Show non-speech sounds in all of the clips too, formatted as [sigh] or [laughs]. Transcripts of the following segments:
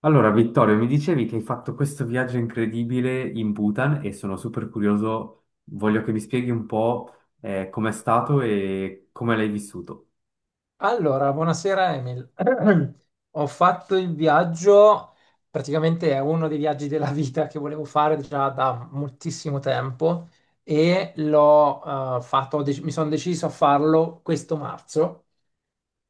Allora, Vittorio, mi dicevi che hai fatto questo viaggio incredibile in Bhutan e sono super curioso. Voglio che mi spieghi un po' com'è stato e come l'hai vissuto. Allora, buonasera Emil. [clears throat] Ho fatto il viaggio, praticamente è uno dei viaggi della vita che volevo fare già da moltissimo tempo e l'ho fatto, ho dec- mi sono deciso a farlo questo marzo,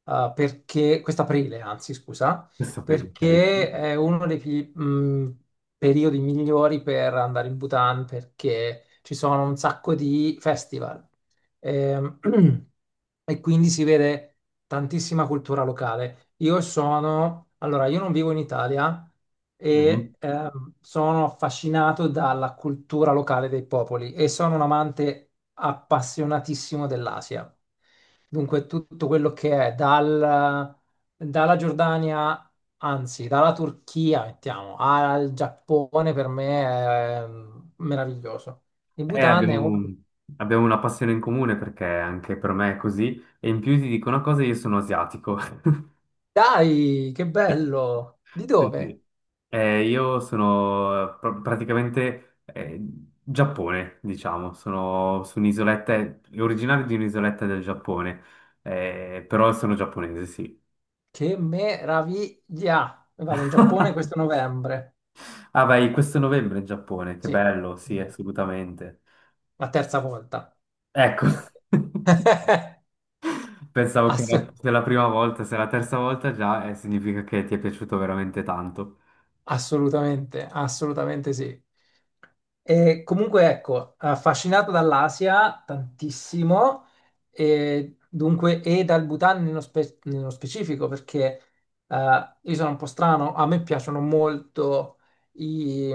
scusa, Questo qui, ok. perché è uno dei periodi migliori per andare in Bhutan perché ci sono un sacco di festival. Ehm, [clears throat] e quindi si vede tantissima cultura locale. Io non vivo in Italia e Mhm. Sono affascinato dalla cultura locale dei popoli e sono un amante appassionatissimo dell'Asia. Dunque, tutto quello che è dalla Giordania, anzi, dalla Turchia, mettiamo, al Giappone per me è meraviglioso. Il Eh, Bhutan è uno. abbiamo, abbiamo una passione in comune perché anche per me è così. E in più ti dico una cosa, io sono asiatico. [laughs] Dai, che Sì. bello! Di Sì, dove? sì. Io sono praticamente Giappone, diciamo, sono su un'isoletta, originario di un'isoletta del Giappone, però sono giapponese, sì. Che meraviglia! Vado in Giappone questo novembre. Ah, vai, questo novembre in Giappone, che Sì, bello, sì, assolutamente. la terza volta. Ecco, [laughs] [laughs] Assolutamente. se la prima volta, se la terza volta già, significa che ti è piaciuto veramente tanto. Assolutamente, assolutamente sì. E comunque, ecco, affascinato dall'Asia tantissimo, e dunque, e dal Bhutan nello specifico, perché io sono un po' strano, a me piacciono molto i,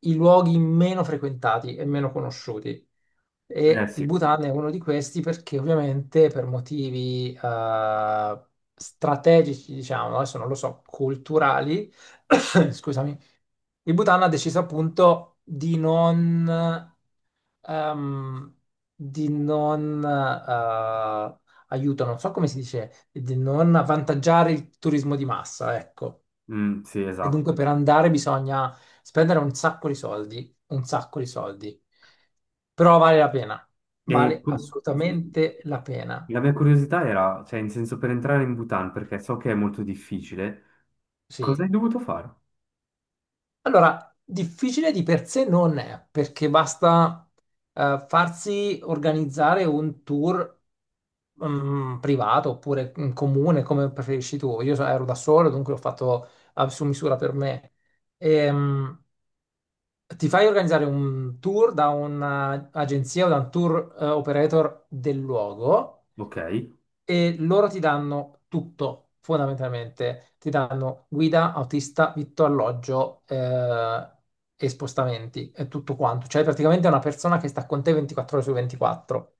i luoghi meno frequentati e meno conosciuti. Eh E il sì. Bhutan è uno di questi perché ovviamente per motivi strategici, diciamo, adesso non lo so, culturali, [coughs] scusami, il Bhutan ha deciso appunto ehm, di non aiuto, non so come si dice, di non avvantaggiare il turismo di massa, ecco. Mm, sì, E esatto. dunque per andare bisogna spendere un sacco di soldi, un sacco di soldi. Però vale la pena, E vale assolutamente la pena. la mia curiosità era, cioè, in senso, per entrare in Bhutan, perché so che è molto difficile, Sì. cosa hai dovuto fare? Allora, difficile di per sé non è, perché basta farsi organizzare un tour privato oppure in comune, come preferisci tu. Ero da solo, dunque l'ho fatto su misura per me. Ehm, Ti fai organizzare un tour da un'agenzia o da un tour operator del luogo Ok, e loro ti danno tutto, fondamentalmente. Ti danno guida, autista, vitto, alloggio e spostamenti, è tutto quanto. Cioè, praticamente è una persona che sta con te 24 ore su 24,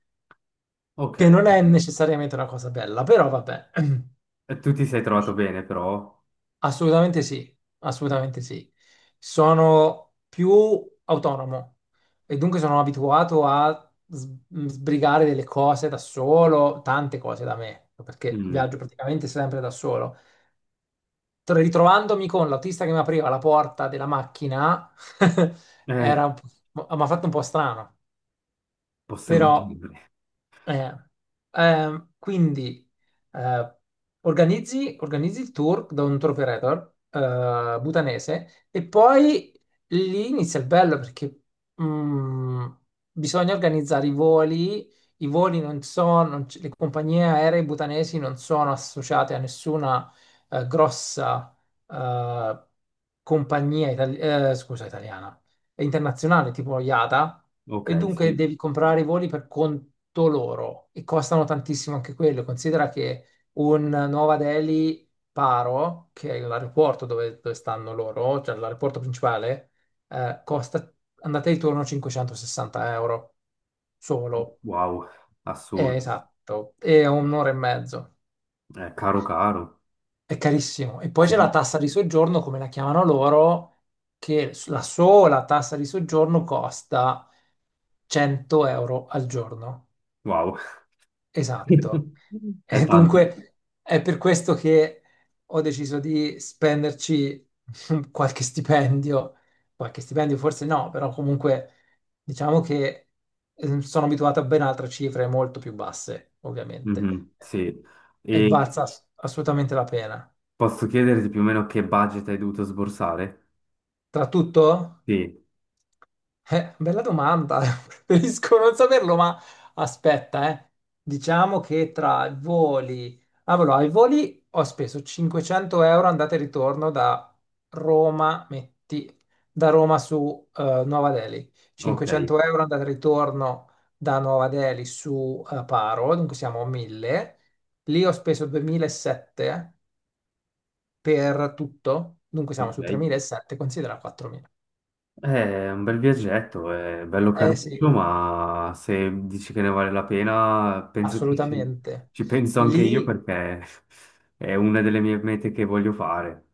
ok. che non è necessariamente una cosa bella, però vabbè. [clears throat] E tu ti sei trovato bene, però? Assolutamente sì, assolutamente sì. Sono più autonomo e dunque sono abituato a sbrigare delle cose da solo, tante cose da me, perché Mm. viaggio praticamente sempre da solo. Ritrovandomi con l'autista che mi apriva la porta della macchina, [laughs] era Eh, mi ha fatto un po' strano, posso però immaginare. eh, quindi eh, organizzi il tour da un tour operator bhutanese e poi lì inizia il bello perché mm, bisogna organizzare i voli. Non le compagnie aeree butanesi non sono associate a nessuna grossa eh, italiana è internazionale, tipo IATA, Ok, e dunque sì. devi comprare i voli per conto loro e costano tantissimo anche quello. Considera che un Nuova Delhi Paro, che è l'aeroporto dove stanno loro, cioè l'aeroporto principale, costa andate e ritorno 560 euro solo. Wow, assurdo. Esatto, è un'ora e mezzo. Caro, caro. È carissimo. E poi c'è la Sì, tassa di soggiorno, come la chiamano loro, che la sola tassa di soggiorno costa 100 euro al giorno, wow. esatto. [laughs] È E tanto. dunque è per questo che ho deciso di spenderci [laughs] qualche stipendio, qualche stipendio forse no, però comunque diciamo che sono abituato a ben altre cifre molto più basse, ovviamente, Mhm, sì. e E valsa assolutamente la pena. posso chiederti più o meno che budget hai dovuto sborsare? Tra tutto? Sì, Bella domanda, [laughs] preferisco non saperlo, ma aspetta, eh. Diciamo che tra i voli, ah, allora, ai voli ho speso 500 euro andata e ritorno da Roma, metti, da Roma su Nuova Delhi, ok, 500 euro andata e ritorno da Nuova Delhi su Paro, dunque siamo a 1000, lì ho speso 2007 per tutto, dunque siamo ok. su 3007, considera 4.000. Eh, è un bel viaggetto, è bello Eh caruccio, sì, ma se dici che ne vale la pena, penso che assolutamente. ci penso anche io Lì, perché [laughs] è una delle mie mete che voglio fare.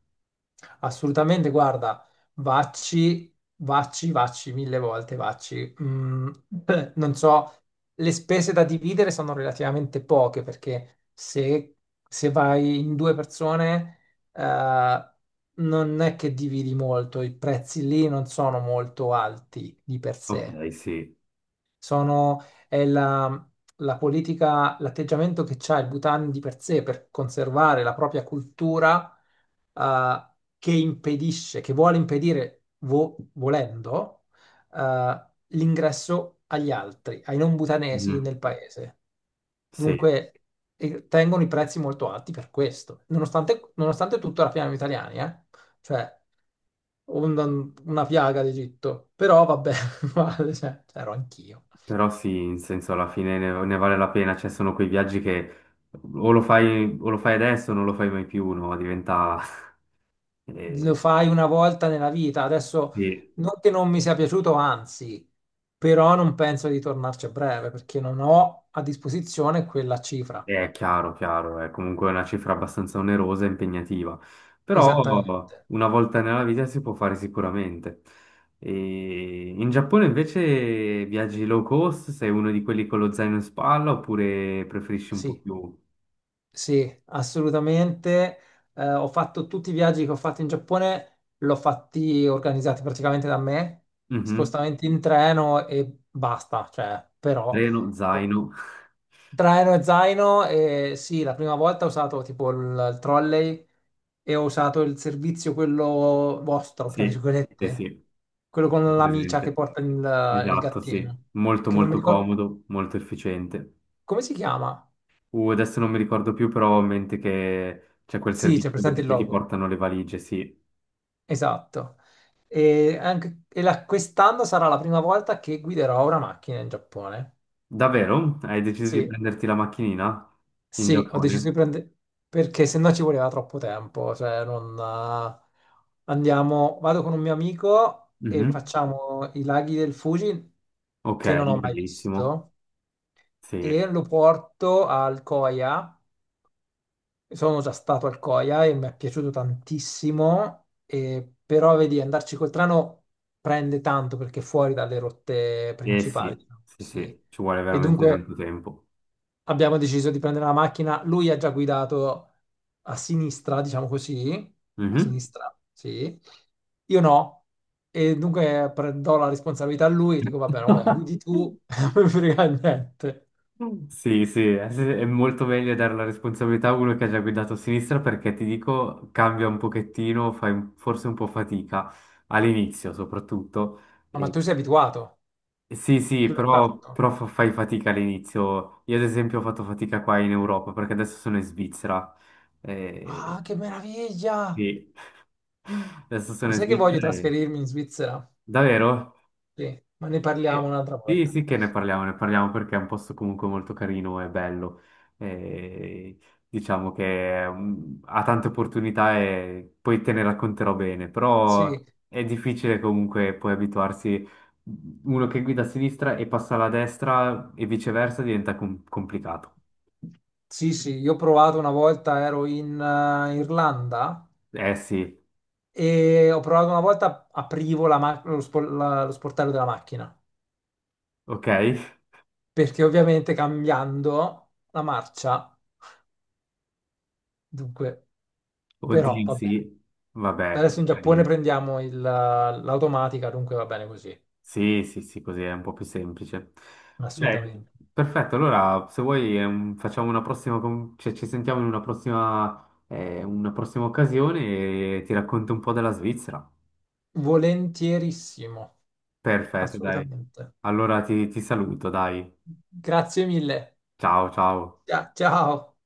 assolutamente, guarda, vacci, vacci, vacci, mille volte vacci. [clears throat] Non so, le spese da dividere sono relativamente poche perché se vai in due persone, eh, non è che dividi molto, i prezzi lì non sono molto alti di per sé. Ok, sì. sono, è la, la politica, l'atteggiamento che ha il Bhutan di per sé per conservare la propria cultura, eh, che vuole impedire, volendo, eh, l'ingresso agli altri, ai non bhutanesi Mhm, nel paese. sì, Dunque, e tengono i prezzi molto alti per questo, nonostante, nonostante tutto raffinano gli italiani, eh? Cioè, una piaga d'Egitto, però vabbè, [laughs] guarda, cioè, c'ero anch'io. però sì, in senso, alla fine ne vale la pena, cioè sono quei viaggi che o lo fai adesso o non lo fai mai più, no? Diventa... [laughs] Lo eh, fai una volta nella vita. Adesso sì. non che non mi sia piaciuto, anzi, però non penso di tornarci a breve perché non ho a disposizione quella cifra. È chiaro, chiaro, è comunque una cifra abbastanza onerosa e impegnativa, però Esattamente. una volta nella vita si può fare sicuramente. E in Giappone invece viaggi low cost, sei uno di quelli con lo zaino in spalla oppure preferisci un po' Sì, più... sì, assolutamente. Ho fatto tutti i viaggi che ho fatto in Giappone, l'ho fatti organizzati praticamente da me, Mhm. spostamenti in treno e basta, cioè, però Treno, zaino, [laughs] traino e zaino, e sì, la prima volta ho usato tipo il trolley e ho usato il servizio quello vostro, tra sì, sì, virgolette, sì, quello tutto con l'amicia che presente. porta il Esatto, sì, gattino, molto che non mi molto ricordo comodo, molto efficiente. come si chiama. Adesso non mi ricordo più, però ho in mente che c'è quel Sì, c'è servizio presente che il ti logo, portano le valigie, sì. esatto. Quest'anno sarà la prima volta che guiderò una macchina in Giappone. Davvero? Hai deciso di Sì, prenderti la macchinina in sì, ho deciso di Giappone? prendere perché se no ci voleva troppo tempo, cioè non vado con un mio amico e Mhm. facciamo i laghi del Fuji Ok, che non ho mai bellissimo. visto Sì, e lo porto al Coia. Sono già stato al Coia e mi è piaciuto tantissimo, però vedi, andarci col treno prende tanto perché è fuori dalle rotte eh principali, sì, diciamo sì, così. sì, ci vuole E veramente dunque tanto tempo. abbiamo deciso di prendere la macchina. Lui ha già guidato a sinistra, diciamo così, a Mhm. sinistra, sì. Io no. E dunque prendo la responsabilità a lui, dico va bene, vabbè, guidi [laughs] tu, [laughs] non mi frega niente. Sì, eh, sì, è molto meglio dare la responsabilità a uno che ha già guidato a sinistra perché ti dico, cambia un pochettino, forse un po' fatica all'inizio soprattutto. Ah, ma tu sei abituato, Sì, sì, tu l'hai fatto. però fai fatica all'inizio. Io ad esempio ho fatto fatica qua in Europa perché adesso sono in Svizzera. Eh, Ah, che meraviglia! sì, [laughs] adesso sono Lo in sai che voglio Svizzera e... trasferirmi in Svizzera? Davvero? Sì, ma ne parliamo Eh, un'altra Sì, volta. sì che ne parliamo perché è un posto comunque molto carino e bello. E diciamo che ha tante opportunità e poi te ne racconterò bene, però Sì, è difficile comunque poi abituarsi. Uno che guida a sinistra e passa alla destra e viceversa diventa complicato. sì, sì, io ho provato una volta, ero in Irlanda Eh sì, e ho provato una volta, aprivo la ma- lo, spo- la- lo sportello della macchina, ok? perché ovviamente cambiando la marcia, dunque, però Oddio, vabbè. sì, vabbè, Adesso in Giappone prendiamo l'automatica, dunque va bene così, sì, sì, sì, così è un po' più semplice. Eh, assolutamente. Perfetto, allora se vuoi facciamo una prossima, cioè, ci sentiamo in una prossima occasione e ti racconto un po' della Svizzera. Volentierissimo, Perfetto, dai. assolutamente. Allora ti saluto, dai. Grazie mille. Ciao, ciao. Ciao, ciao.